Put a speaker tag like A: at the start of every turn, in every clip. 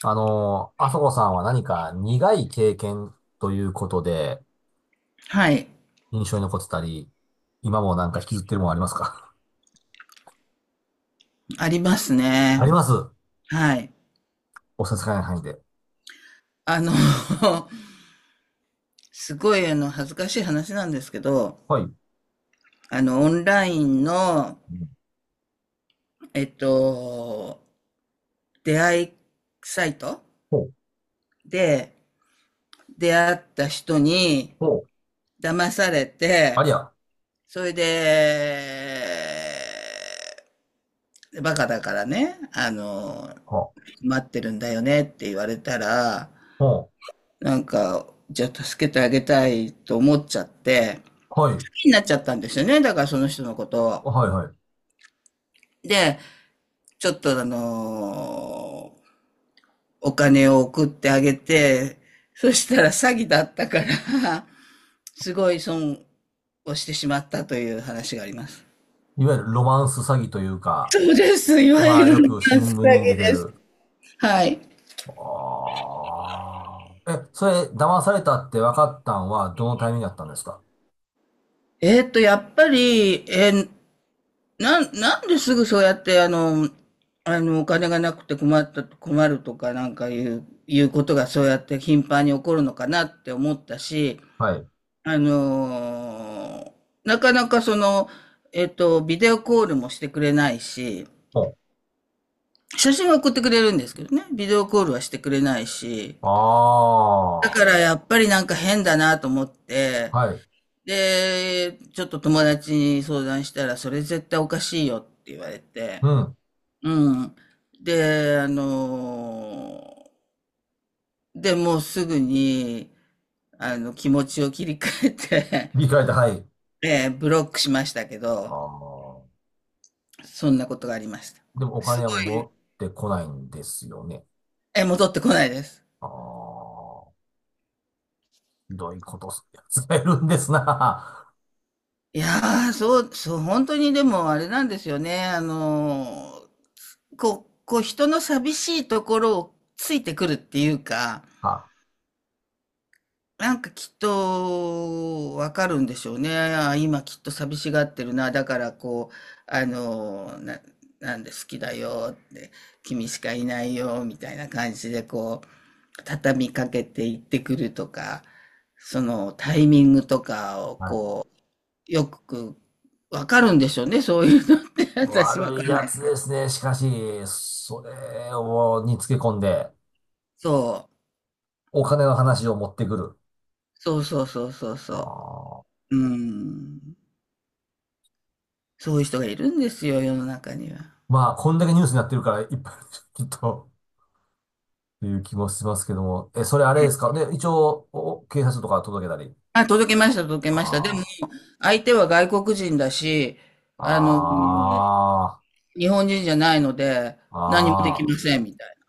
A: あそこさんは何か苦い経験ということで
B: はい。
A: 印象に残ってたり、今もなんか引きずってるものありますか？
B: あります
A: あ
B: ね。
A: ります。
B: はい。
A: お差し支えない範囲で。
B: あの、すごい恥ずかしい話なんですけど、
A: はい。う
B: オンラインの、
A: ん。
B: えっと、出会いサイト
A: ほう、
B: で出会った人に
A: ほう、
B: 騙され
A: あ
B: て、
A: りゃ。
B: それで、バカだからね、
A: ほ
B: 待ってるんだよねって言われたら、
A: う、ほ
B: なんか、じゃあ助けてあげたいと思っちゃって、
A: う、はい、
B: になっちゃったんですよね。だからその人のことを。
A: はい、はい。
B: で、ちょっとお金を送ってあげて、そしたら詐欺だったから、すごい損をしてしまったという話があります。
A: いわゆるロマンス詐欺というか、
B: そうです。いわゆ
A: 今
B: る
A: よ
B: 詐欺
A: く新聞に出て
B: です。
A: る。
B: はい。
A: あーえ、それ騙されたって分かったんはどのタイミングだったんですか？
B: やっぱり、なんですぐそうやって、お金がなくて困った、困るとかなんかいうことがそうやって頻繁に起こるのかなって思ったし、
A: はい。
B: あのーなかなかその、ビデオコールもしてくれないし、
A: ほ
B: 写真は送ってくれるんですけどね、ビデオコールはしてくれないし、
A: う。
B: だか
A: あ
B: ら
A: あ、
B: やっぱりなんか変だなと思って、
A: はい。
B: で、ちょっと友達に相談したら、それ絶対おかしいよって言われて、
A: うん。
B: うん。で、あのーで、もうすぐに、気持ちを切り替えて、
A: 理解だ、はい。
B: ブロックしましたけ
A: あ
B: ど、
A: あ。
B: そんなことがありました。
A: でもお
B: す
A: 金はもう
B: ごい。
A: 持ってこないんですよね。
B: え、戻ってこないです。
A: ああ。ひどいことするやつがいるんですな。
B: いやー、そう、そう、本当にでもあれなんですよね。こう、人の寂しいところをついてくるっていうか、
A: は、
B: なんかきっとわかるんでしょうね。あー今きっと寂しがってるな。だからこう、あのー、ななんで好きだよって、君しかいないよみたいな感じで畳みかけて行ってくるとか、そのタイミングとかを
A: はい。
B: こう、よくわかるんでしょうね、そういうのって 私わ
A: 悪
B: か
A: い
B: んな
A: やつ
B: い。
A: ですね。しかし、それを、につけ込んで、
B: そう。
A: お金の話を持ってくる。
B: そうそうそうそう
A: あ
B: そ
A: あ。
B: う。うん。そういう人がいるんですよ、世の中には。
A: まあ、こんだけニュースになってるから、いっぱいあるきっと、という気もしますけども。え、それあれですかで、一応、お警察とか届けたり。
B: あ、届けました、届けました。でも、
A: あ
B: 相手は外国人だし、
A: あ。
B: あの、
A: あ
B: 日本人じゃないので、
A: あ。
B: 何もでき
A: あ
B: ま
A: あ。
B: せん、みたいな。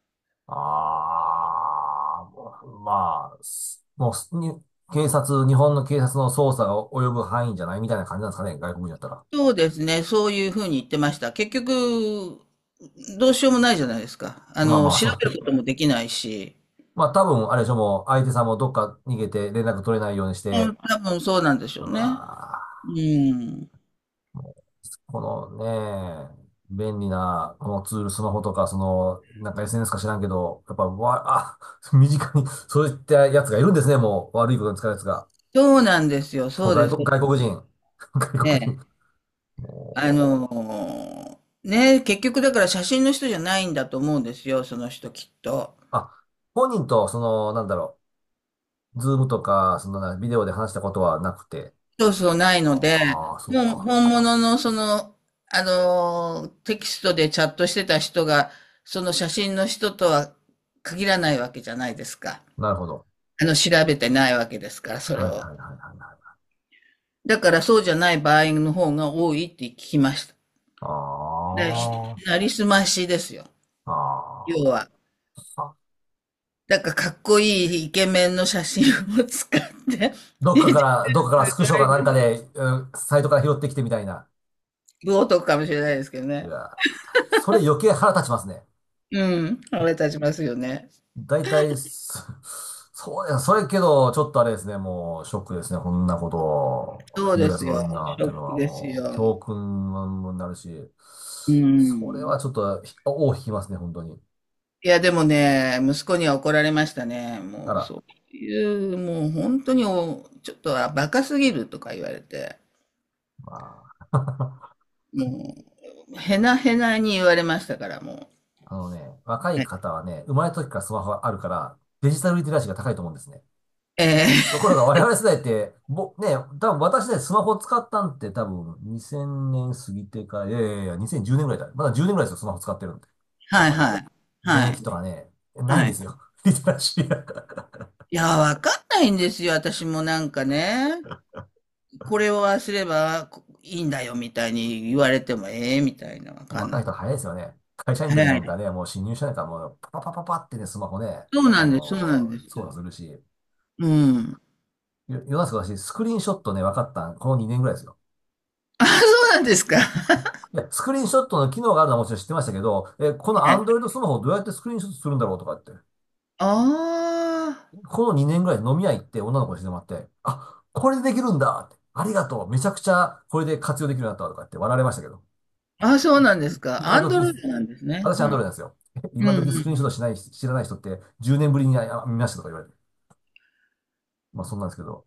A: ああ、もうまあ、すもうすに、警察、日本の警察の捜査が及ぶ範囲じゃないみたいな感じなんですかね、外国人だったら。
B: そうですね。そういうふうに言ってました。結局、どうしようもないじゃないですか。
A: まあまあ、
B: 調
A: そ
B: べる
A: う。
B: こともできないし。
A: まあ多分、あれでしょ、もう相手さんもどっか逃げて連絡取れないようにし
B: うん、
A: て、
B: 多分そうなんでしょ
A: う
B: うね。
A: わ
B: うん。
A: ー、このね、便利な、このツール、スマホとか、その、なんか SNS か知らんけど、やっぱ、わ、あ、身近に、そういったやつがいるんですね、もう。悪いことに使うやつが。
B: そうなんですよ。
A: しか
B: そ
A: も
B: う
A: 外
B: です
A: 国、
B: よ
A: 外国人。外国
B: ね。
A: 人。
B: あ
A: もう
B: のね、結局だから写真の人じゃないんだと思うんですよ。その人きっと。
A: あ、本人と、その、ズームとか、そのな、ビデオで話したことはなくて。
B: そうそうないので、
A: ああ、そっ
B: もう
A: か。
B: 本物のその、テキストでチャットしてた人が、その写真の人とは限らないわけじゃないですか。
A: なるほど。
B: 調べてないわけですから、そ
A: は
B: れ
A: い、はい、はい、
B: を。
A: はい、はい。
B: だからそうじゃない場合の方が多いって聞きました。
A: あ
B: で、
A: あ、
B: なりすましですよ。
A: あ
B: 要は。
A: ー、あ。
B: だからかっこいいイケメンの写真を使って、す
A: どっかから、どっかからスクショ
B: ご
A: かなんか
B: い、
A: で、うんサイトから拾ってきてみたいな。
B: 冒涜かもしれないですけど
A: う
B: ね。
A: わー、それ余計腹立ちますね。
B: うん、腹立ちますよね。
A: 大体、そそうや、それけど、ちょっとあれですね、もう、ショックですね、こんなこと、
B: そう
A: ひど
B: で
A: いやつ
B: す
A: がおる
B: よ。
A: んだなっ
B: ショ
A: ていうの
B: ック
A: は、
B: です
A: もう、
B: よ。
A: 教訓になるし、
B: う
A: それは
B: ん。
A: ちょっと、尾を引きますね、本当に。
B: いや、でもね、息子には怒られましたね。
A: あ
B: もう
A: ら、
B: そういう、もう本当にちょっとはバカすぎるとか言われて。
A: まあ、
B: もう、へなへなに言われましたから、も
A: あのね、若い
B: う。
A: 方はね、生まれた時からスマホがあるから、デジタルリテラシーが高いと思うんですね。と
B: ええ
A: ころが我々世代って、ね、多分私ね、スマホ使ったんって多分2000年過ぎてから、いやいやいや、2010年ぐらいだ。まだ10年ぐらいですよ、スマホ使ってるんで。
B: ー
A: やっ
B: はい
A: ぱね、
B: はい。は
A: 免疫
B: い。
A: とかね、ない
B: は
A: んで
B: い。
A: すよ。リテラシーな、
B: いや、わかんないんですよ、私もなんかね。これをああすればこいいんだよ、みたいに言われても、ええみたいな、わかん
A: 若
B: な
A: い人
B: くて。
A: 早いですよね。会社員の時
B: は
A: なんか
B: い。
A: ね、もう新入社員からもうパパパパパってね、スマホね、
B: そうなんです、そうなんです。
A: 操作するし。
B: うん。
A: よ世の中私、スクリーンショットね、分かったんこの2年ぐらいですよ。
B: あ、そうなんですか。
A: いや、スクリーンショットの機能があるのはもちろん知ってましたけど、え、この
B: はい。
A: Android スマホをどうやってスクリーンショットするんだろうとかって。
B: あ
A: この2年ぐらい飲み屋行って女の子にしてもらって、あ、これでできるんだって、ありがとう、めちゃくちゃこれで活用できるようになったとかって笑われましたけど、
B: あ。あ、そうなんですか。
A: 今
B: アンド
A: 時、
B: ロイドなんですね。
A: 私アンドロイドなんですよ。
B: うん
A: 今
B: うん
A: 時スクリーンショット
B: う
A: しない、知らない人って10年ぶりにあ見ましたとか言われて。まあそんなんですけど。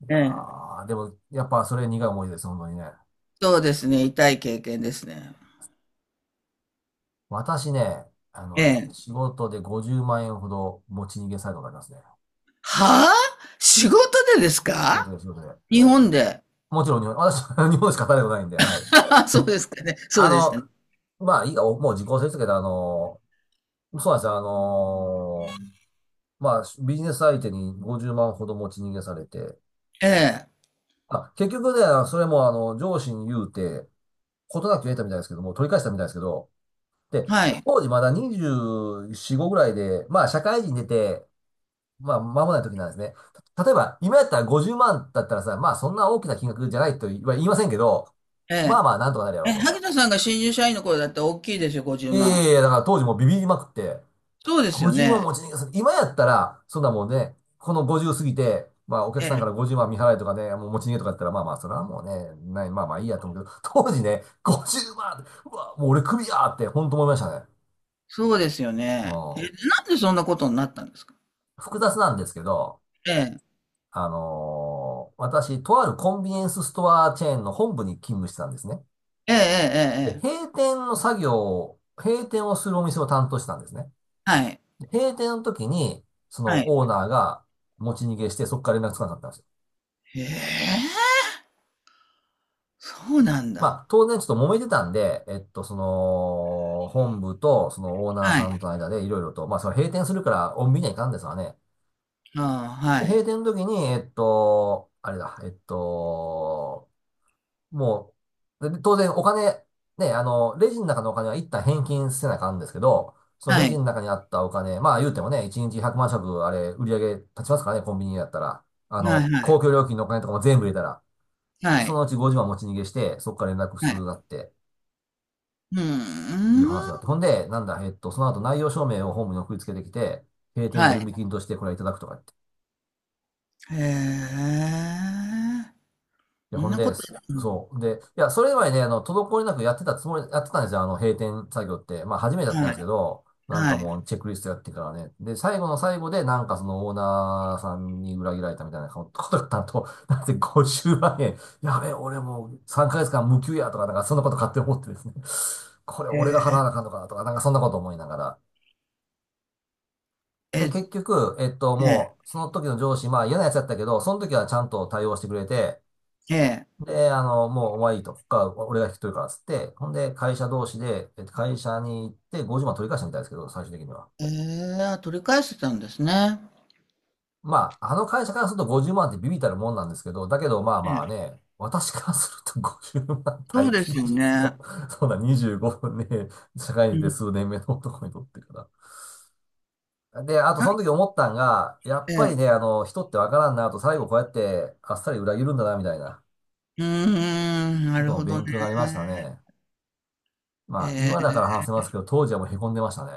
A: い
B: ん。
A: や
B: ええ。
A: ー、でもやっぱそれ苦い思い出です、本当にね。
B: そうですね、痛い経験ですね。
A: 私ね、あ
B: え
A: のね、
B: え。
A: 仕事で50万円ほど持ち逃げサイトがありますね。
B: はあ？仕事でです
A: 仕事
B: か？
A: で仕事で。
B: 日本で。
A: もちろん日本、私、日本でしか働いたことないんで、はい。
B: そうですかね。そ
A: あ
B: うです
A: の、
B: ね。
A: まあいいか、もう時効ですけど、あの、そうなんですよ。まあ、ビジネス相手に50万ほど持ち逃げされて、
B: ええ、
A: あ、結局ね、それも上司に言うて、ことなく得たみたいですけども、取り返したみたいですけど、で、
B: はい。
A: 当時まだ24、5ぐらいで、まあ、社会人出て、まあ、間もない時なんですね。例えば、今やったら50万だったらさ、まあ、そんな大きな金額じゃないとは言いませんけど、
B: え
A: まあまあ、なんとかなるや
B: え。
A: ろ
B: え、
A: うと。
B: 萩田さんが新入社員の頃だったら大きいですよ、50
A: いやいや
B: 万。
A: いや、だから当時もうビビりまくって、
B: そうですよ
A: 50万
B: ね。
A: 持ち逃げする。今やったら、そんなもんね、この50過ぎて、まあお客
B: え
A: さんか
B: え、
A: ら50万見払いとかね、もう持ち逃げとかやったら、まあまあ、それはもうね、ない、まあまあいいやと思うけど、当時ね、50万うまんうわ、もう俺クビやーって、ほんと思いましたね。
B: そうですよ
A: う
B: ね。え、なん
A: ん。
B: でそんなことになったんですか？
A: 複雑なんですけど、
B: ええ。
A: 私、とあるコンビニエンスストアチェーンの本部に勤務してたんですね。
B: ええええええ
A: で、
B: えええ。
A: 閉店をするお店を担当してたんですね。
B: はい。
A: で閉店の時に、そ
B: はい。
A: のオーナーが持ち逃げして、そこから連絡つかなかったんですよ。
B: へえ、そうなんだ。
A: まあ、当然ちょっと揉めてたんで、その、本部と、そのオーナー
B: は
A: さ
B: い。
A: んとの間でいろいろと、まあ、それ閉店するから、お見にはいかんですわね。
B: ああ、は
A: で、閉
B: い。
A: 店の時に、えっと、あれだ、えっと、もう、で当然お金、ね、あの、レジの中のお金は一旦返金せなあかんですけど、その
B: は
A: レジ
B: い。
A: の中にあったお金、まあ言うてもね、1日100万食、あれ、売り上げ立ちますからね、コンビニやったら。あ
B: は
A: の、
B: いは
A: 公
B: い。
A: 共料金のお金とかも全部入れたら、
B: は
A: そ
B: い。
A: のうち50万持ち逃げして、そこから連絡
B: は
A: す
B: い。
A: るなって。
B: うー
A: という
B: ん。
A: 話があって。ほんで、なんだ、えっと、その後内容証明をホームに送りつけてきて、閉店
B: は
A: 準
B: い。
A: 備金としてこれいただくとか言って。
B: へえ。
A: いや、
B: そ
A: ほ
B: ん
A: ん
B: なこ
A: で、
B: と、うん、
A: そう。で、いや、それ前ね、あの、滞りなくやってたつもり、やってたんですよ、あの、閉店作業って。まあ、初めてやって
B: は
A: たんですけ
B: い、
A: ど、なん
B: は
A: か
B: い。
A: もう、チェックリストやってからね。で、最後の最後で、なんかそのオーナーさんに裏切られたみたいなことだったと、なんて50万円、やべえ、俺もう3ヶ月間無給やとか、なんかそんなこと勝手に思ってですね。これ
B: え
A: 俺が払わ
B: え、
A: なあかんのかなとか、なんかそんなこと思いながら、
B: え
A: で、
B: え、
A: 結局、
B: え
A: その時の上司、まあ嫌なやつだったけど、その時はちゃんと対応してくれて、
B: ーえー、え
A: で、あの、もうお前いいと、ここから俺が引き取るからっつって、ほんで、会社同士で、会社に行って50万取り返したみたいですけど、最終的には。
B: ー、あ取り返してたんですね。
A: まあ、あの会社からすると50万ってビビったるもんなんですけど、だけどまあ
B: え
A: まあね、
B: え、
A: 私からすると 50万
B: そう
A: 大
B: です
A: 金
B: よ
A: です
B: ね。
A: よ。そんな25分ね、社会に
B: う
A: 出て
B: ん。
A: 数年目の男にとってから。で、あとそ
B: あ、
A: の時思ったんが、やっ
B: え
A: ぱりね、
B: え、
A: あの、人ってわからんなと、最後こうやってあっさり裏切るんだな、みたいな
B: うーん、な
A: こと
B: る
A: も
B: ほど
A: 勉
B: ね。
A: 強になりましたね。まあ、今だか
B: え
A: ら話せますけど、当時はもう凹んでましたね。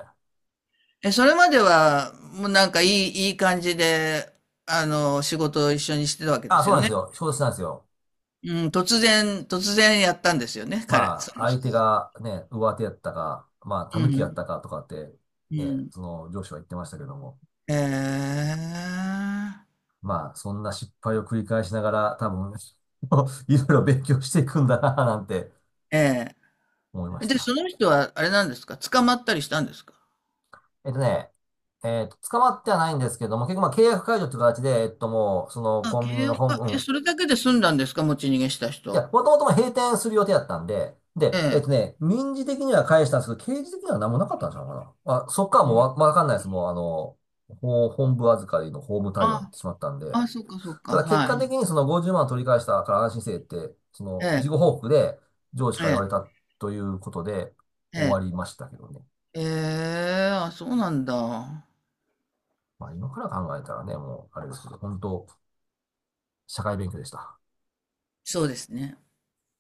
B: え、え、それまでは、もうなんかいい感じで、仕事を一緒にしてたわけで
A: あ、
B: す
A: そう
B: よ
A: なんです
B: ね。
A: よ。承知したんですよ。
B: うん、突然やったんですよね、彼、
A: ま
B: そ
A: あ、
B: の
A: 相
B: 人
A: 手
B: は。
A: がね、上手やったか、まあ、
B: う
A: 狸やっ
B: ん、
A: たかとかって、
B: う
A: ね、
B: ん。
A: その上司は言ってましたけども、
B: ええ、
A: まあ、そんな失敗を繰り返しながら、多分、いろいろ勉強していくんだな、なんて
B: え
A: 思いま
B: え。
A: し
B: で、そ
A: た。
B: の人はあれなんですか？捕まったりしたんですか？
A: えっとね、えっと、捕まってはないんですけども、結局まあ契約解除って形で、えっともう、その
B: あ、
A: コンビニ
B: 契
A: の
B: 約
A: 本、
B: か。
A: う
B: え、
A: ん。
B: それだけで済んだんですか、持ち逃げした
A: いや、
B: 人。
A: もともとも閉店する予定だったんで、
B: え
A: で、えっ
B: え。
A: とね、民事的には返したんですけど、刑事的には何もなかったんちゃうかな。あ、そっから
B: う
A: もう
B: ん。
A: わ、わかんないです。もうあの、法本部預かりの法務対応になっ
B: あ、
A: てしまったんで、
B: あ、そうかそう
A: た
B: か。
A: だ結
B: は
A: 果的
B: い。
A: にその50万を取り返したから安心せえって、そ
B: え
A: の事
B: え、
A: 後報告で上司
B: え
A: から言わ
B: え、
A: れたということで
B: え
A: 終わり
B: え。
A: ましたけどね。
B: ええ、あ、そうなんだ。
A: まあ今から考えたらね、もうあれですけど、本当社会勉強でした。
B: そうですね。